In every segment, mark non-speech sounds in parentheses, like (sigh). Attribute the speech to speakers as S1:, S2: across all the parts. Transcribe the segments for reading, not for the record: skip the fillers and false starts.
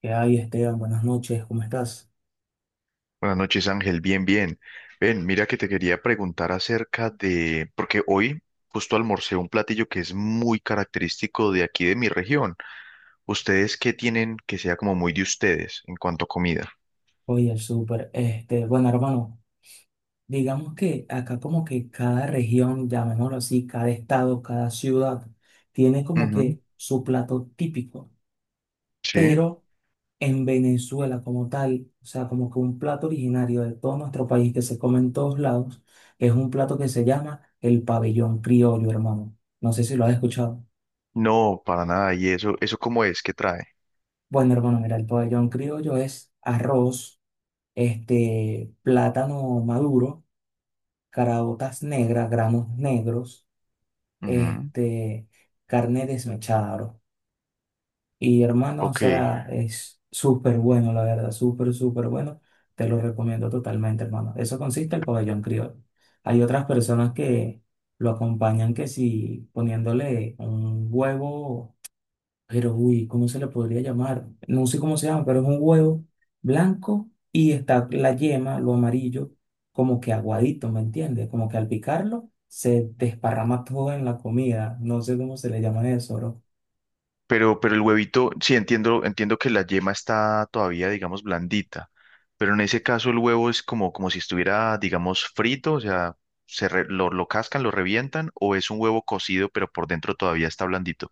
S1: ¿Qué hay, Esteban? Buenas noches, ¿cómo estás?
S2: Buenas noches, Ángel. Bien, bien. Ven, mira que te quería preguntar acerca de, porque hoy justo almorcé un platillo que es muy característico de aquí de mi región. ¿Ustedes qué tienen que sea como muy de ustedes en cuanto a comida?
S1: Oye, el súper. Bueno, hermano, digamos que acá como que cada región, llamémoslo así, cada estado, cada ciudad, tiene como
S2: Ujú.
S1: que su plato típico.
S2: Sí.
S1: Pero en Venezuela como tal, o sea, como que un plato originario de todo nuestro país que se come en todos lados, es un plato que se llama el pabellón criollo, hermano. No sé si lo has escuchado.
S2: No, para nada. ¿Y eso cómo es? ¿Qué trae?
S1: Bueno, hermano, mira, el pabellón criollo es arroz, plátano maduro, caraotas negras, granos negros,
S2: Ujú.
S1: este, carne desmechada, bro. Y hermano, o
S2: Ok.
S1: sea, es súper bueno, la verdad, súper bueno. Te lo recomiendo totalmente, hermano. Eso consiste el pabellón criollo. Hay otras personas que lo acompañan que si poniéndole un huevo. Pero, uy, ¿cómo se le podría llamar? No sé cómo se llama, pero es un huevo blanco y está la yema, lo amarillo, como que aguadito, ¿me entiendes? Como que al picarlo se desparrama todo en la comida. No sé cómo se le llama eso, bro.
S2: Pero el huevito, sí entiendo, entiendo que la yema está todavía, digamos, blandita, pero en ese caso el huevo es como si estuviera, digamos, frito, o sea, lo cascan, lo revientan, o es un huevo cocido, pero por dentro todavía está blandito.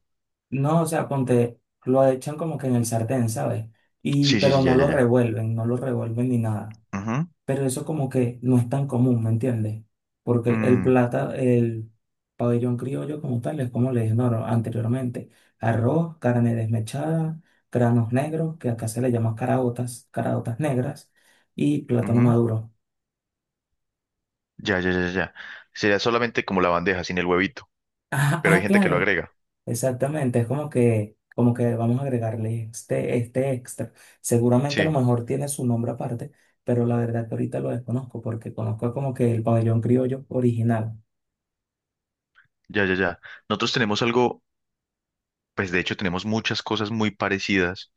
S1: No, o sea, ponte, lo echan como que en el sartén, ¿sabes? Y,
S2: Sí, sí,
S1: pero
S2: sí, ya, ya, ya.
S1: no lo revuelven ni nada.
S2: Ujú.
S1: Pero eso como que no es tan común, ¿me entiendes? Porque
S2: Mm.
S1: el pabellón criollo como tal, es como le dije no, anteriormente, arroz, carne desmechada, granos negros, que acá se le llama caraotas negras, y plátano
S2: Ujú.
S1: maduro. (laughs)
S2: Ya, ya, ya, ya. Sería solamente como la bandeja sin el huevito, pero hay
S1: Ah,
S2: gente que lo
S1: claro,
S2: agrega.
S1: exactamente, es como que vamos a agregarle este extra. Seguramente a lo
S2: Sí,
S1: mejor tiene su nombre aparte, pero la verdad que ahorita lo desconozco porque conozco como que el pabellón criollo original.
S2: ya, ya, ya. Nosotros tenemos algo, pues de hecho tenemos muchas cosas muy parecidas.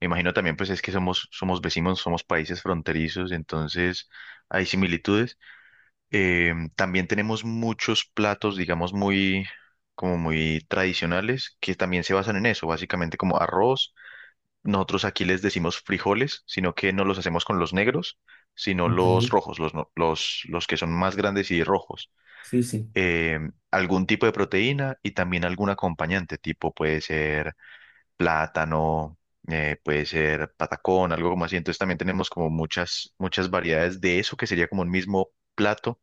S2: Me imagino también, pues es que somos vecinos, somos países fronterizos, entonces hay similitudes. También tenemos muchos platos, digamos, muy, como muy tradicionales, que también se basan en eso, básicamente como arroz. Nosotros aquí les decimos frijoles, sino que no los hacemos con los negros, sino
S1: ¿Ok?
S2: los rojos, los, no- los que son más grandes y rojos.
S1: Sí, sí.
S2: Eh, algún tipo de proteína y también algún acompañante, tipo puede ser plátano, puede ser patacón, algo como así. Entonces también tenemos como muchas variedades de eso que sería como un mismo plato,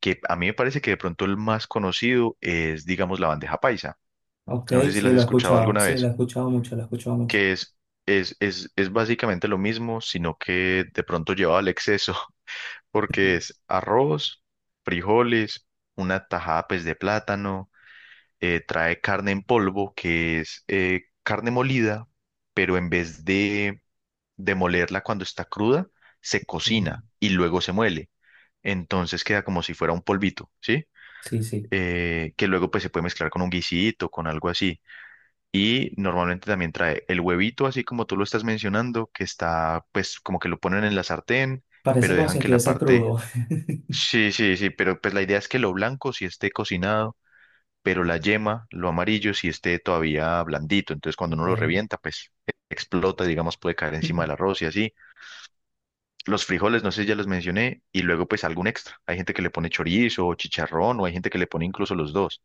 S2: que a mí me parece que de pronto el más conocido es, digamos, la bandeja paisa.
S1: Ok,
S2: No sé si
S1: sí,
S2: las has
S1: lo he
S2: escuchado
S1: escuchado,
S2: alguna
S1: sí,
S2: vez,
S1: lo he escuchado mucho.
S2: que es básicamente lo mismo, sino que de pronto lleva al exceso, (laughs) porque es arroz, frijoles, una tajada pues de plátano, trae carne en polvo, que es carne molida, pero en vez de molerla cuando está cruda, se
S1: Sí,
S2: cocina y luego se muele. Entonces queda como si fuera un polvito, ¿sí?
S1: sí, sí.
S2: Que luego pues se puede mezclar con un guisito, con algo así. Y normalmente también trae el huevito, así como tú lo estás mencionando, que está pues como que lo ponen en la sartén,
S1: Parece
S2: pero
S1: como si
S2: dejan que la
S1: estuviese
S2: parte...
S1: crudo.
S2: Sí, sí, sí, pero pues la idea es que lo blanco sí esté cocinado, pero la yema, lo amarillo sí esté todavía blandito. Entonces cuando uno lo
S1: Ok.
S2: revienta, pues explota, digamos, puede caer encima del
S1: (laughs)
S2: arroz y así. Los frijoles, no sé si ya los mencioné, y luego pues algún extra. Hay gente que le pone chorizo o chicharrón, o hay gente que le pone incluso los dos.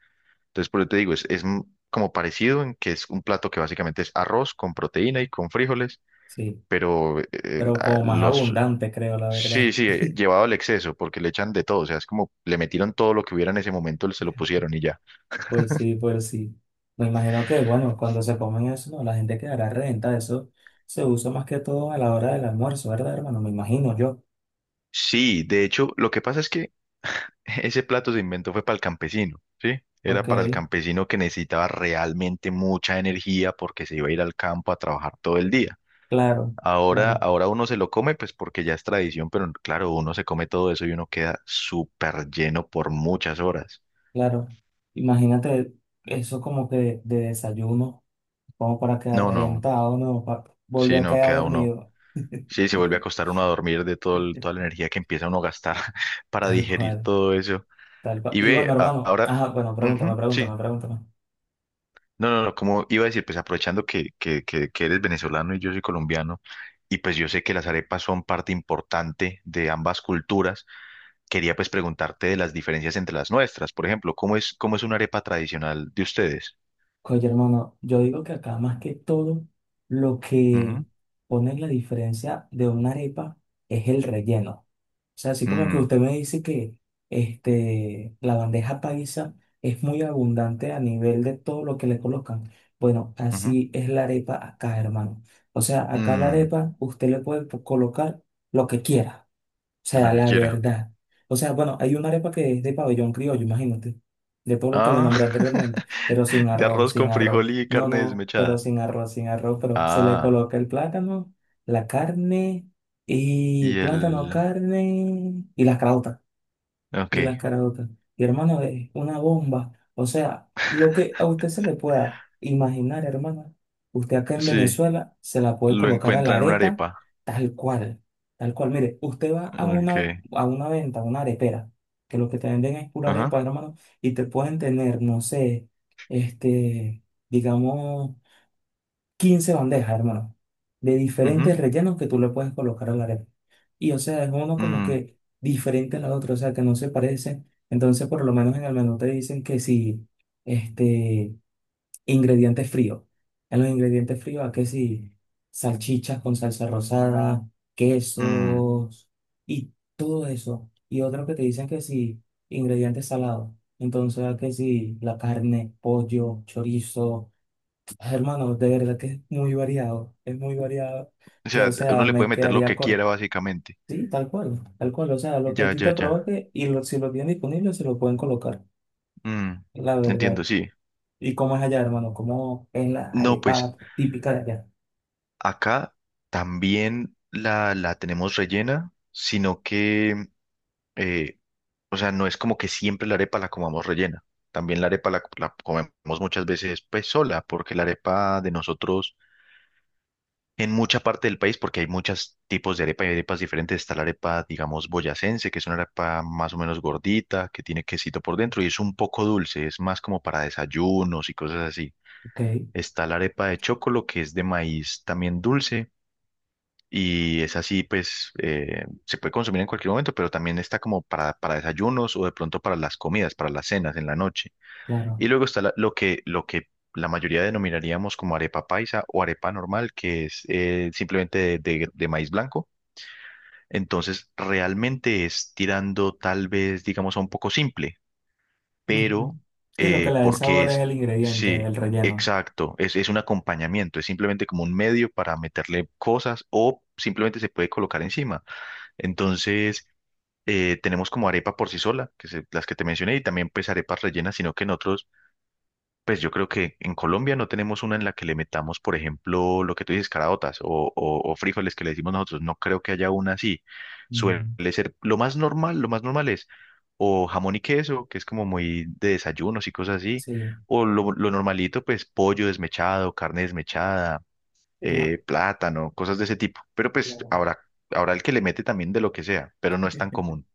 S2: Entonces, por eso te digo, como parecido en que es un plato que básicamente es arroz con proteína y con frijoles,
S1: Sí,
S2: pero
S1: pero como más abundante, creo, la
S2: Sí,
S1: verdad.
S2: sí, llevado al exceso, porque le echan de todo, o sea, es como le metieron todo lo que hubiera en ese momento, se lo pusieron y ya.
S1: Pues sí, pues sí. Me imagino que, bueno, cuando se comen eso, ¿no? La gente quedará renta. Eso se usa más que todo a la hora del almuerzo, ¿verdad, hermano? Me imagino yo.
S2: Sí, de hecho, lo que pasa es que ese plato se inventó fue para el campesino, ¿sí? Era
S1: Ok,
S2: para el campesino que necesitaba realmente mucha energía porque se iba a ir al campo a trabajar todo el día.
S1: claro, claro,
S2: Ahora uno se lo come, pues porque ya es tradición, pero claro, uno se come todo eso y uno queda súper lleno por muchas horas.
S1: claro. Imagínate eso como que de desayuno, como para quedar
S2: No, no,
S1: reventado, ¿no? Pa-
S2: sí,
S1: volvió a
S2: no,
S1: quedar
S2: queda uno.
S1: dormido. (laughs)
S2: Sí, se vuelve a acostar uno a dormir de todo toda la energía que empieza uno a gastar (laughs) para
S1: Tal
S2: digerir
S1: cual,
S2: todo eso.
S1: tal cual.
S2: Y
S1: Y bueno,
S2: ve,
S1: hermano,
S2: ahora,
S1: ajá, bueno,
S2: ujú, sí.
S1: pregúntame.
S2: No, no, no, como iba a decir, pues aprovechando que eres venezolano y yo soy colombiano, y pues yo sé que las arepas son parte importante de ambas culturas, quería pues preguntarte de las diferencias entre las nuestras. Por ejemplo, ¿cómo es una arepa tradicional de ustedes?
S1: Oye, hermano, yo digo que acá más que todo lo que
S2: Ujú.
S1: pone la diferencia de una arepa es el relleno. O sea, así como que
S2: Mm.
S1: usted me dice que la bandeja paisa es muy abundante a nivel de todo lo que le colocan. Bueno,
S2: Ujú.
S1: así es la arepa acá, hermano. O sea, acá la
S2: Mm,
S1: arepa usted le puede po- colocar lo que quiera
S2: lo
S1: sea,
S2: que
S1: la
S2: quiera.
S1: verdad. O sea, bueno, hay una arepa que es de pabellón criollo, imagínate, de todo lo que le
S2: Ah,
S1: nombré anteriormente, pero
S2: (laughs) de arroz
S1: sin
S2: con
S1: arroz.
S2: frijol y carne
S1: No, pero
S2: desmechada.
S1: sin arroz, pero se le
S2: Ah,
S1: coloca el plátano, la carne y
S2: y
S1: plátano,
S2: el...
S1: carne y
S2: Ok,
S1: las caraotas. Y hermano, es una bomba. O sea, lo que a usted se le pueda imaginar, hermano, usted acá en
S2: sí,
S1: Venezuela se la puede
S2: lo
S1: colocar a la
S2: encuentra en una
S1: arepa
S2: arepa.
S1: tal cual. Tal cual. Mire, usted va a
S2: Ok,
S1: a una venta, a una arepera, que lo que te venden es pura arepa,
S2: ajá,
S1: hermano, y te pueden tener, no sé, este, digamos 15 bandejas, hermano, de
S2: ujú,
S1: diferentes rellenos que tú le puedes colocar a la arepa. Y o sea, es uno como
S2: mm.
S1: que diferente a la otra, o sea, que no se parecen. Entonces, por lo menos en el menú te dicen que si, este, ingredientes fríos. En los ingredientes fríos, ¿a que si? Salchichas con salsa rosada,
S2: Mm,
S1: quesos y todo eso. Y otro que te dicen que si, ingredientes salados. Entonces, ¿a que si? La carne, pollo, chorizo. Hermano, de verdad que es muy variado,
S2: o
S1: que o
S2: sea,
S1: sea,
S2: uno le puede
S1: me
S2: meter lo
S1: quedaría
S2: que
S1: corto.
S2: quiera básicamente.
S1: Sí, tal cual, o sea, lo que a
S2: Ya,
S1: ti te
S2: ya, ya.
S1: provoque y lo- si lo tienen disponible se lo pueden colocar,
S2: Mm,
S1: la verdad.
S2: entiendo, sí.
S1: ¿Y cómo es allá, hermano? ¿Cómo es la
S2: No, pues
S1: arepa típica de allá?
S2: acá también la tenemos rellena, sino que, eh, o sea, no es como que siempre la arepa la comamos rellena. También la arepa la comemos muchas veces pues sola, porque la arepa de nosotros en mucha parte del país porque hay muchos tipos de arepa y arepas diferentes. Está la arepa, digamos, boyacense, que es una arepa más o menos gordita, que tiene quesito por dentro y es un poco dulce, es más como para desayunos y cosas así.
S1: Ok,
S2: Está la arepa de chocolo, que es de maíz también dulce. Y es así, pues se puede consumir en cualquier momento, pero también está como para desayunos o de pronto para las comidas, para las cenas en la noche.
S1: claro.
S2: Y luego está lo que la mayoría denominaríamos como arepa paisa o arepa normal, que es simplemente de maíz blanco. Entonces, realmente es tirando tal vez, digamos, a un poco simple,
S1: Ujú.
S2: pero
S1: Sí, lo que
S2: eh,
S1: le da el
S2: porque
S1: sabor es
S2: es,
S1: el ingrediente,
S2: sí,
S1: el relleno.
S2: exacto, es un acompañamiento, es simplemente como un medio para meterle cosas o simplemente se puede colocar encima. Entonces... tenemos como arepa por sí sola, que es las que te mencioné, y también pues arepas rellenas, sino que en otros pues yo creo que en Colombia no tenemos una en la que le metamos, por ejemplo, lo que tú dices, caraotas o frijoles que le decimos nosotros. No creo que haya una así. Suele
S1: Mm.
S2: ser lo más normal es o jamón y queso, que es como muy de desayunos y cosas así,
S1: Sí.
S2: o lo normalito, pues pollo desmechado, carne desmechada,
S1: Ah,
S2: plátano, cosas de ese tipo. Pero pues
S1: claro.
S2: habrá, habrá el que le mete también de lo que sea, pero no es tan común.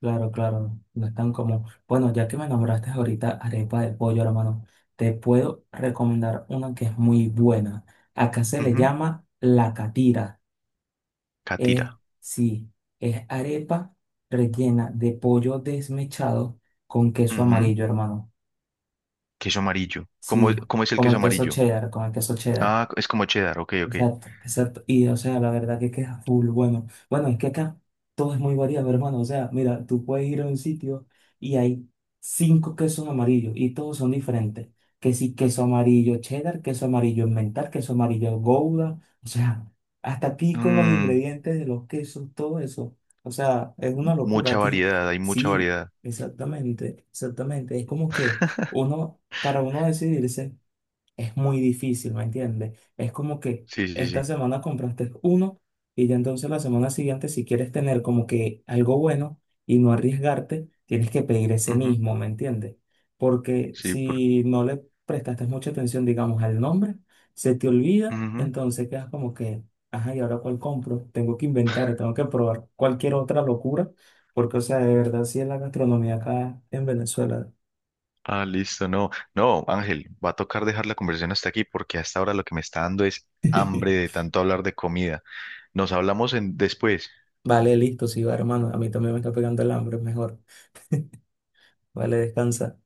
S1: Claro, claro, no están como, bueno, ya que me nombraste ahorita arepa de pollo, hermano, te puedo recomendar una que es muy buena. Acá se le
S2: Ujú.
S1: llama la catira. Es,
S2: Catira.
S1: sí, es arepa rellena de pollo desmechado con queso
S2: Ujú.
S1: amarillo, hermano.
S2: Queso amarillo.
S1: Sí,
S2: Cómo es el
S1: como
S2: queso
S1: el
S2: amarillo?
S1: queso cheddar.
S2: Ah, es como cheddar, ok, ok.
S1: Exacto, exacto. Y o sea, la verdad que es full bueno. Bueno, es que acá todo es muy variado, hermano. O sea, mira, tú puedes ir a un sitio y hay 5 quesos amarillos y todos son diferentes. Que sí, queso amarillo cheddar, queso amarillo emmental, queso amarillo gouda. O sea, hasta aquí con los
S2: Mm,
S1: ingredientes de los quesos, todo eso. O sea, es una locura
S2: mucha
S1: aquí.
S2: variedad, hay mucha
S1: Sí,
S2: variedad.
S1: exactamente, exactamente. Es como que
S2: (laughs)
S1: uno, para uno decidirse es muy difícil, ¿me entiendes? Es como que
S2: Sí, sí,
S1: esta
S2: sí.
S1: semana compraste uno y ya entonces la semana siguiente, si quieres tener como que algo bueno y no arriesgarte, tienes que pedir ese
S2: Ujú.
S1: mismo, ¿me entiendes? Porque
S2: Sí, por...
S1: si no le prestaste mucha atención, digamos, al nombre, se te olvida,
S2: Ujú.
S1: entonces quedas como que, ajá, ¿y ahora cuál compro? Tengo que inventar, tengo que probar cualquier otra locura, porque, o sea, de verdad, sí es la gastronomía acá en Venezuela.
S2: Ah, listo, no. No, Ángel, va a tocar dejar la conversación hasta aquí porque hasta ahora lo que me está dando es hambre de
S1: (laughs)
S2: tanto hablar de comida. Nos hablamos en... después.
S1: Vale, listo, sí, va, hermano. A mí también me está pegando el hambre, mejor. Vale, descansa.